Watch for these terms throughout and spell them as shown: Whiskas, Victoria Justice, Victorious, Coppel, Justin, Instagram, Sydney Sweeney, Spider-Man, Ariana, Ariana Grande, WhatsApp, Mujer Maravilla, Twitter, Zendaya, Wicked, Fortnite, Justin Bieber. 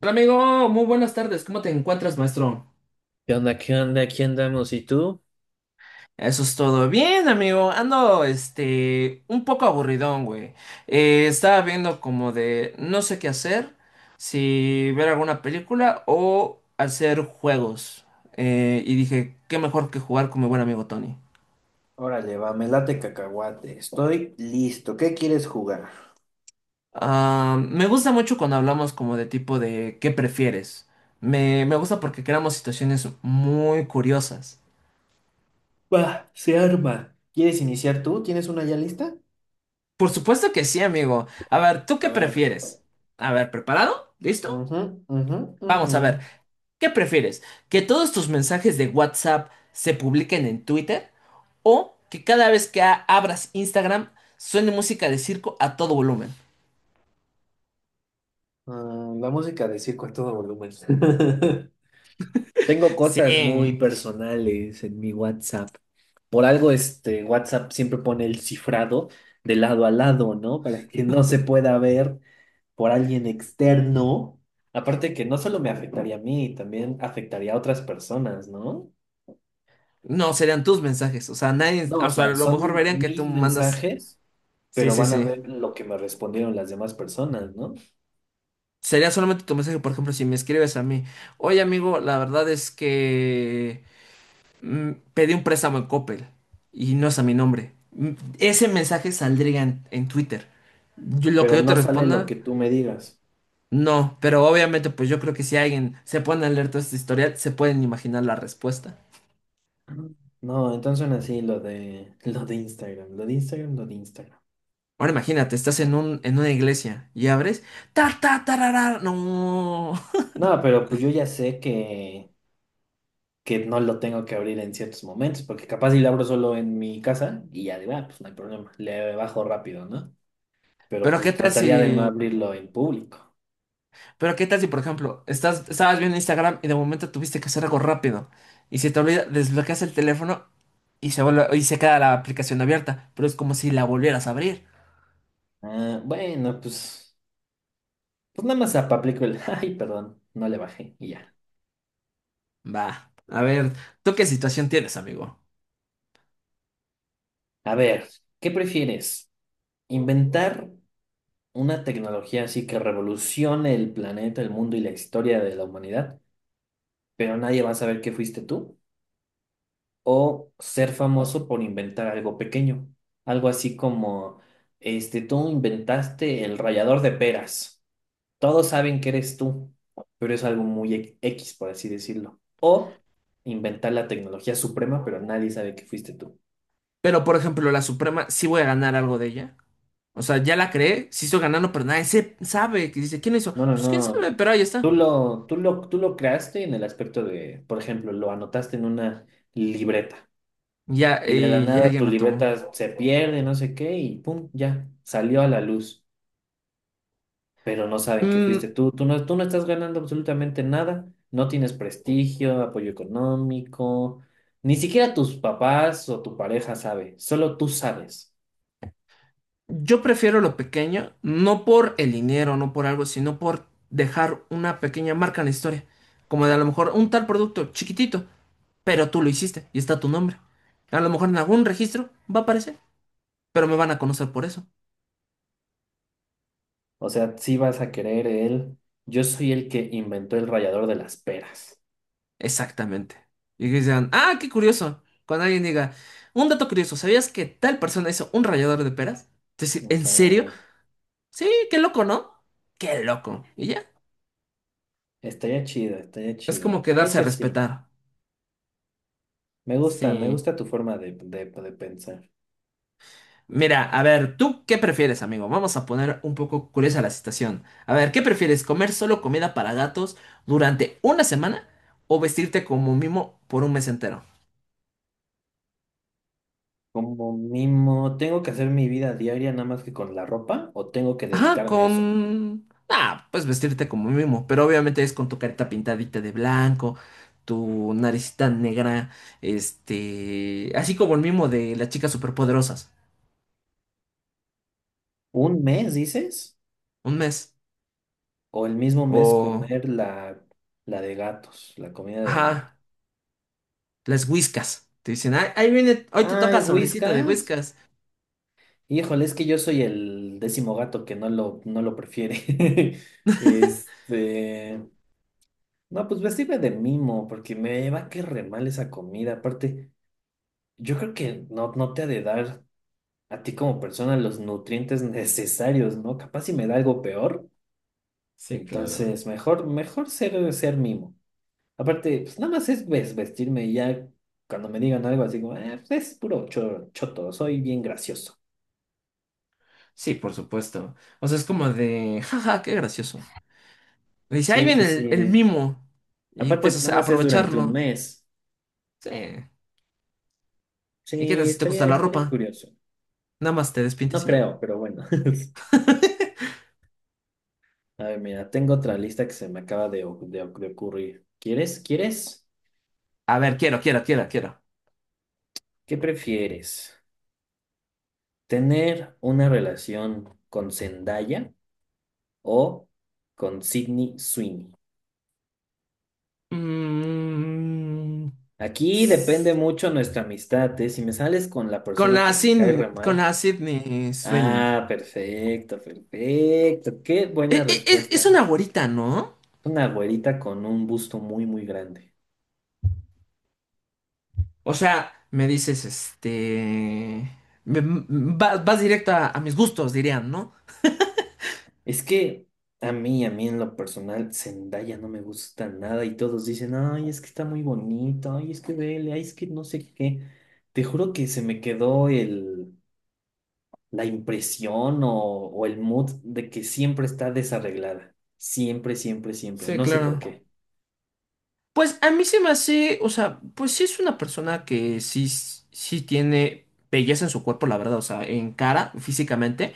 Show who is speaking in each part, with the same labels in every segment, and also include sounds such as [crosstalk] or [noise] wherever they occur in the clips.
Speaker 1: Hola amigo, muy buenas tardes. ¿Cómo te encuentras, maestro?
Speaker 2: ¿Qué onda? ¿Qué onda? Aquí andamos. ¿Y tú?
Speaker 1: Eso es todo. Bien, amigo. Ando, un poco aburridón, güey. Estaba viendo como de no sé qué hacer, si ver alguna película o hacer juegos. Y dije, qué mejor que jugar con mi buen amigo Tony.
Speaker 2: Órale, va, me late cacahuate. Estoy listo. ¿Qué quieres jugar?
Speaker 1: Ah, me gusta mucho cuando hablamos como de tipo de qué prefieres. Me gusta porque creamos situaciones muy curiosas.
Speaker 2: Va, se arma. ¿Quieres iniciar tú? ¿Tienes una ya lista?
Speaker 1: Por supuesto que sí, amigo. A ver, ¿tú
Speaker 2: A
Speaker 1: qué
Speaker 2: ver.
Speaker 1: prefieres? A ver, ¿preparado? ¿Listo?
Speaker 2: Ujú, ujú,
Speaker 1: Vamos a
Speaker 2: ujú.
Speaker 1: ver, ¿qué prefieres? ¿Que todos tus mensajes de WhatsApp se publiquen en Twitter? ¿O que cada vez que abras Instagram suene música de circo a todo volumen?
Speaker 2: Ah, la música de circo a todo volumen. [laughs] Tengo cosas muy
Speaker 1: Sí.
Speaker 2: personales en mi WhatsApp. Por algo, este WhatsApp siempre pone el cifrado de lado a lado, ¿no? Para que no se pueda ver por alguien externo, aparte que no solo me afectaría a mí, también afectaría a otras personas, ¿no?
Speaker 1: No, serían tus mensajes. O sea, nadie,
Speaker 2: No, o
Speaker 1: o sea, a
Speaker 2: sea,
Speaker 1: lo mejor
Speaker 2: son
Speaker 1: verían que tú
Speaker 2: mis
Speaker 1: mandas.
Speaker 2: mensajes,
Speaker 1: Sí,
Speaker 2: pero
Speaker 1: sí,
Speaker 2: van a
Speaker 1: sí.
Speaker 2: ver lo que me respondieron las demás personas, ¿no?
Speaker 1: Sería solamente tu mensaje, por ejemplo, si me escribes a mí. Oye, amigo, la verdad es que pedí un préstamo en Coppel y no es a mi nombre. Ese mensaje saldría en Twitter. Lo que
Speaker 2: Pero
Speaker 1: yo te
Speaker 2: no sale lo
Speaker 1: responda,
Speaker 2: que tú me digas.
Speaker 1: no. Pero obviamente, pues yo creo que si alguien se pone a leer todo este historial, se pueden imaginar la respuesta.
Speaker 2: No, entonces así lo de [laughs] lo de Instagram, lo de Instagram, lo de Instagram.
Speaker 1: Ahora imagínate, estás en en una iglesia y abres. Ta, ta, tarara, no.
Speaker 2: No, pero pues yo ya sé que no lo tengo que abrir en ciertos momentos, porque capaz si lo abro solo en mi casa y ya digo, ah, pues no hay problema, le bajo rápido, ¿no?
Speaker 1: [laughs]
Speaker 2: Pero
Speaker 1: Pero qué
Speaker 2: pues
Speaker 1: tal
Speaker 2: trataría de no
Speaker 1: si.
Speaker 2: abrirlo en público.
Speaker 1: Pero qué tal si, por ejemplo, estabas viendo Instagram y de momento tuviste que hacer algo rápido y se te olvida, desbloqueas el teléfono y se queda la aplicación abierta, pero es como si la volvieras a abrir.
Speaker 2: Ah, bueno, pues, pues nada más aplico el, [laughs] ay, perdón, no le bajé y ya.
Speaker 1: Va, a ver, ¿tú qué situación tienes, amigo?
Speaker 2: A ver, ¿qué prefieres? ¿Inventar una tecnología así que revolucione el planeta, el mundo y la historia de la humanidad, pero nadie va a saber que fuiste tú? ¿O ser famoso por inventar algo pequeño? Algo así como, este, tú inventaste el rallador de peras. Todos saben que eres tú, pero es algo muy e- X, por así decirlo. O inventar la tecnología suprema, pero nadie sabe que fuiste tú.
Speaker 1: Pero, por ejemplo, la Suprema, sí voy a ganar algo de ella. O sea, ya la creé, sí estoy ganando, pero nadie se sabe. Que dice, ¿quién hizo?
Speaker 2: No, no,
Speaker 1: Pues quién
Speaker 2: no.
Speaker 1: sabe, pero ahí
Speaker 2: Tú
Speaker 1: está.
Speaker 2: lo, tú lo, tú lo creaste en el aspecto de, por ejemplo, lo anotaste en una libreta
Speaker 1: Ya,
Speaker 2: y de la
Speaker 1: y ya
Speaker 2: nada
Speaker 1: alguien
Speaker 2: tu
Speaker 1: lo tomó.
Speaker 2: libreta se pierde, no sé qué, y pum, ya, salió a la luz. Pero no saben que
Speaker 1: Mm,
Speaker 2: fuiste tú. Tú no estás ganando absolutamente nada, no tienes prestigio, apoyo económico, ni siquiera tus papás o tu pareja sabe, solo tú sabes.
Speaker 1: Yo prefiero lo pequeño, no por el dinero, no por algo, sino por dejar una pequeña marca en la historia. Como de a lo mejor un tal producto chiquitito, pero tú lo hiciste y está tu nombre. A lo mejor en algún registro va a aparecer, pero me van a conocer por eso.
Speaker 2: O sea, sí vas a querer el, yo soy el que inventó el rallador de las peras.
Speaker 1: Exactamente. Y que digan, ah, qué curioso. Cuando alguien diga, un dato curioso, ¿sabías que tal persona hizo un rallador de peras? Decir, ¿en serio?
Speaker 2: Ajá.
Speaker 1: Sí, qué loco, ¿no? Qué loco. Y ya.
Speaker 2: Estaría chido, estaría
Speaker 1: Es como
Speaker 2: chido.
Speaker 1: que
Speaker 2: Creo
Speaker 1: darse a
Speaker 2: que sí.
Speaker 1: respetar.
Speaker 2: Me
Speaker 1: Sí.
Speaker 2: gusta tu forma de pensar.
Speaker 1: Mira, a ver, ¿tú qué prefieres, amigo? Vamos a poner un poco curiosa la situación. A ver, ¿qué prefieres? ¿Comer solo comida para gatos durante una semana o vestirte como mimo por un mes entero?
Speaker 2: Como mimo, ¿tengo que hacer mi vida diaria nada más que con la ropa o tengo que
Speaker 1: Ajá,
Speaker 2: dedicarme a eso?
Speaker 1: con... Ah, pues vestirte como mimo, pero obviamente es con tu carita pintadita de blanco, tu naricita negra, Así como el mimo de las chicas superpoderosas.
Speaker 2: ¿Un mes, dices?
Speaker 1: Un mes.
Speaker 2: O el mismo mes
Speaker 1: O...
Speaker 2: comer la, la de gatos, la comida de gato.
Speaker 1: Ajá, las whiskas. Te dicen, "Ah, ahí viene, hoy te toca
Speaker 2: Ay,
Speaker 1: sobrecito de
Speaker 2: Whiskas.
Speaker 1: whiskas.
Speaker 2: Híjole, es que yo soy el décimo gato que no lo, no lo prefiere. [laughs] Este. No, pues vestirme de mimo, porque me va a caer re mal esa comida. Aparte, yo creo que no, no te ha de dar a ti como persona los nutrientes necesarios, ¿no? Capaz si me da algo peor.
Speaker 1: Sí, claro.
Speaker 2: Entonces, mejor, mejor ser, ser mimo. Aparte, pues nada más es ves- vestirme y ya cuando me digan algo así como, "Ah, pues es puro cho- choto, soy bien gracioso".
Speaker 1: Sí, por supuesto. O sea, es como de, jaja, qué gracioso. Y dice, ahí
Speaker 2: Sí,
Speaker 1: viene
Speaker 2: sí,
Speaker 1: el
Speaker 2: sí.
Speaker 1: mimo. Y
Speaker 2: Aparte,
Speaker 1: pues, o
Speaker 2: pues nada
Speaker 1: sea,
Speaker 2: más es durante un
Speaker 1: aprovecharlo.
Speaker 2: mes.
Speaker 1: Sí. ¿Y qué tal
Speaker 2: Sí,
Speaker 1: si te gusta
Speaker 2: estaría,
Speaker 1: la
Speaker 2: estaría
Speaker 1: ropa?
Speaker 2: curioso.
Speaker 1: Nada más te despintas
Speaker 2: No
Speaker 1: y ya.
Speaker 2: creo, pero bueno. [laughs]
Speaker 1: [laughs]
Speaker 2: A ver, mira, tengo otra lista que se me acaba de, o- de, oc- de ocurrir. ¿Quieres? ¿Quieres?
Speaker 1: A ver, quiero, quiero, quiero, quiero.
Speaker 2: ¿Qué prefieres? ¿Tener una relación con Zendaya o con Sydney Sweeney?
Speaker 1: Mm,
Speaker 2: Aquí depende mucho nuestra amistad, ¿eh? Si me sales con la
Speaker 1: con
Speaker 2: persona
Speaker 1: la
Speaker 2: que me cae re
Speaker 1: Sin, con
Speaker 2: mal.
Speaker 1: la Sydney Sweeney.
Speaker 2: Ah, perfecto, perfecto. Qué buena
Speaker 1: Es
Speaker 2: respuesta.
Speaker 1: una güerita, ¿no?
Speaker 2: Una güerita con un busto muy, muy grande.
Speaker 1: O sea, me dices, vas, vas directo a mis gustos, dirían, ¿no?
Speaker 2: Es que a mí en lo personal, Zendaya no me gusta nada y todos dicen, ay, es que está muy bonito, ay, es que vele, ay, es que no sé qué. Te juro que se me quedó el, la impresión o el mood de que siempre está desarreglada. Siempre, siempre, siempre.
Speaker 1: Sí,
Speaker 2: No sé por
Speaker 1: claro.
Speaker 2: qué.
Speaker 1: Pues a mí se me hace, o sea, pues sí es una persona que sí tiene belleza en su cuerpo, la verdad, o sea, en cara, físicamente,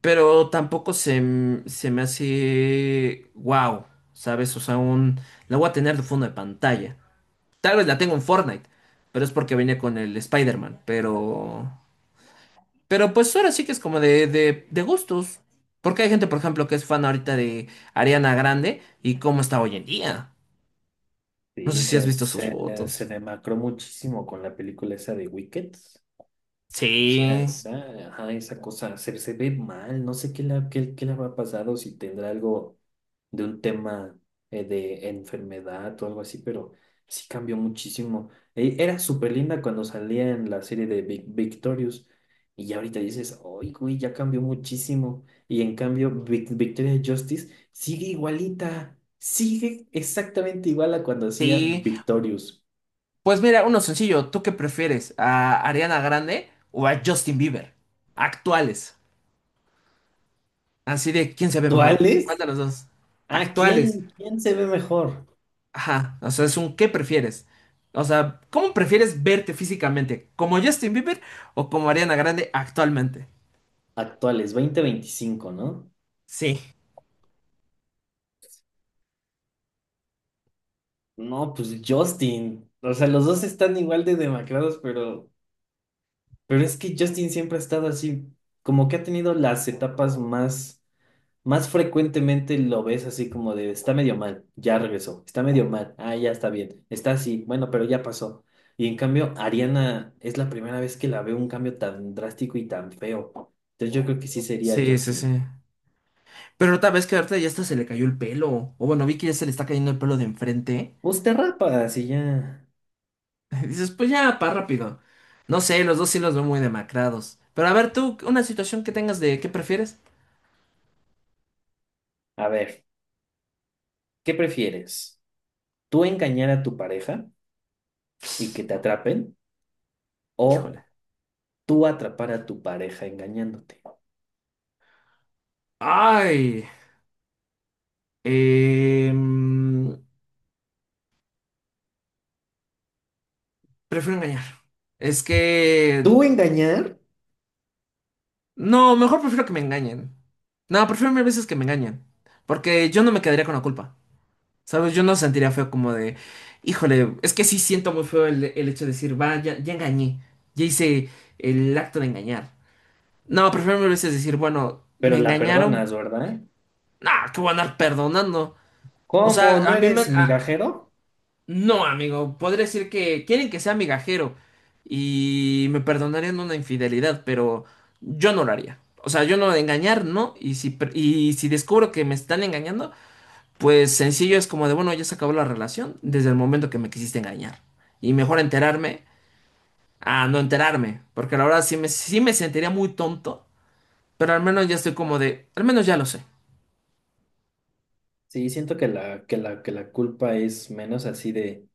Speaker 1: pero tampoco se me hace wow, ¿sabes? O sea, un, la voy a tener de fondo de pantalla. Tal vez la tengo en Fortnite, pero es porque venía con el Spider-Man, pero... Pero pues ahora sí que es como de gustos, porque hay gente, por ejemplo, que es fan ahorita de Ariana Grande y cómo está hoy en día. No sé
Speaker 2: Sí,
Speaker 1: si has
Speaker 2: se,
Speaker 1: visto sus
Speaker 2: se, se
Speaker 1: fotos.
Speaker 2: demacró muchísimo con la película esa de Wicked. Sí, a
Speaker 1: Sí,
Speaker 2: esa, ajá, esa cosa se, se ve mal, no sé qué le, qué, qué le habrá pasado, si tendrá algo de un tema de enfermedad o algo así, pero sí cambió muchísimo. E- era súper linda cuando salía en la serie de Vic- Victorious y ya ahorita dices, ¡ay, güey, ya cambió muchísimo! Y en cambio, Vic- Victoria Justice sigue igualita, sigue exactamente igual a cuando hacía
Speaker 1: sí.
Speaker 2: Victorious.
Speaker 1: Pues mira, uno sencillo. ¿Tú qué prefieres? ¿A Ariana Grande o a Justin Bieber? Actuales. Así de, ¿quién se ve mejor?
Speaker 2: ¿Cuál
Speaker 1: ¿Cuál
Speaker 2: es?
Speaker 1: de los dos?
Speaker 2: ¿A
Speaker 1: Actuales.
Speaker 2: quién, quién se ve mejor?
Speaker 1: Ajá. O sea, es un ¿qué prefieres? O sea, ¿cómo prefieres verte físicamente? ¿Como Justin Bieber o como Ariana Grande actualmente?
Speaker 2: Actuales, 2025, ¿no?
Speaker 1: Sí.
Speaker 2: No, pues Justin. O sea, los dos están igual de demacrados, pero es que Justin siempre ha estado así, como que ha tenido las etapas más, más frecuentemente lo ves así como de, está medio mal, ya regresó, está medio mal, ah, ya está bien, está así, bueno, pero ya pasó. Y en cambio, Ariana es la primera vez que la veo un cambio tan drástico y tan feo. Entonces yo creo que sí sería
Speaker 1: Sí, sí,
Speaker 2: Justin.
Speaker 1: sí. Pero tal vez que ahorita ya hasta se le cayó el pelo. O bueno, vi que ya se le está cayendo el pelo de enfrente.
Speaker 2: Pues te rapas y ya.
Speaker 1: [laughs] Dices, pues ya, pa' rápido. No sé, los dos sí los veo muy demacrados. Pero a ver, tú, una situación que tengas de qué prefieres.
Speaker 2: A ver, ¿qué prefieres? Tú engañar a tu pareja y que te atrapen o
Speaker 1: Híjole.
Speaker 2: tú atrapar a tu pareja engañándote.
Speaker 1: Ay. em, Prefiero engañar. Es que...
Speaker 2: Tú engañar,
Speaker 1: No, mejor prefiero que me engañen. No, prefiero mil veces que me engañen. Porque yo no me quedaría con la culpa. ¿Sabes? Yo no sentiría feo como de... Híjole, es que sí siento muy feo el hecho de decir, va, ya engañé. Ya hice el acto de engañar. No, prefiero mil veces decir, bueno,
Speaker 2: pero
Speaker 1: me
Speaker 2: la
Speaker 1: engañaron.
Speaker 2: perdonas, ¿verdad?
Speaker 1: Nah, que voy a andar perdonando. O sea,
Speaker 2: ¿Cómo? ¿No
Speaker 1: a mí me...
Speaker 2: eres
Speaker 1: a-
Speaker 2: migajero?
Speaker 1: no, amigo, podría decir que quieren que sea migajero y me perdonarían una infidelidad, pero yo no lo haría. O sea, yo no engañar, no. Y si descubro que me están engañando, pues sencillo es como de, bueno, ya se acabó la relación desde el momento que me quisiste engañar. Y mejor enterarme a no enterarme, porque la verdad sí me sentiría muy tonto, pero al menos ya estoy como de, al menos ya lo sé.
Speaker 2: Sí, siento que la culpa es menos así de,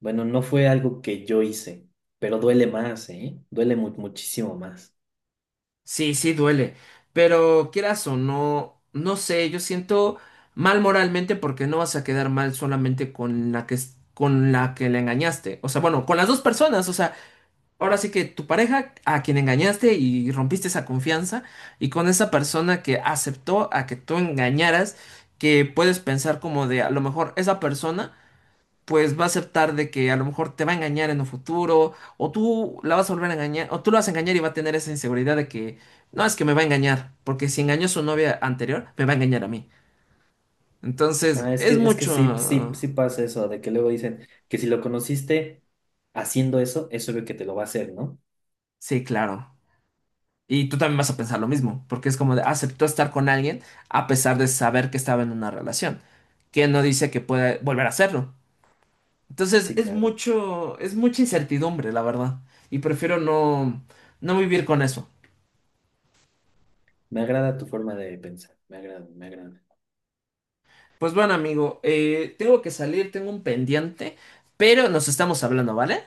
Speaker 2: bueno, no fue algo que yo hice, pero duele más, ¿eh? Duele mu- muchísimo más.
Speaker 1: Sí, sí duele, pero quieras o no, no sé, yo siento mal moralmente porque no vas a quedar mal solamente con con la que le engañaste, o sea, bueno, con las dos personas, o sea, ahora sí que tu pareja a quien engañaste y rompiste esa confianza y con esa persona que aceptó a que tú engañaras, que puedes pensar como de a lo mejor esa persona pues va a aceptar de que a lo mejor te va a engañar en un futuro, o tú la vas a volver a engañar, o tú la vas a engañar y va a tener esa inseguridad de que, no, es que me va a engañar, porque si engañó a su novia anterior, me va a engañar a mí. Entonces,
Speaker 2: Ah,
Speaker 1: es
Speaker 2: es que
Speaker 1: mucho...
Speaker 2: sí, sí, sí pasa eso, de que luego dicen que si lo conociste haciendo eso, es obvio que te lo va a hacer, ¿no?
Speaker 1: Sí, claro. Y tú también vas a pensar lo mismo, porque es como de, aceptó estar con alguien a pesar de saber que estaba en una relación, que no dice que pueda volver a hacerlo. Entonces,
Speaker 2: Sí, claro.
Speaker 1: es mucha incertidumbre, la verdad. Y prefiero no vivir con eso.
Speaker 2: Me agrada tu forma de pensar, me agrada, me agrada.
Speaker 1: Pues bueno, amigo, tengo que salir, tengo un pendiente, pero nos estamos hablando, ¿vale?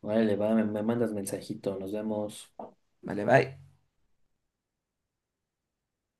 Speaker 2: Órale, va, me mandas mensajito, nos vemos.
Speaker 1: Vale, bye.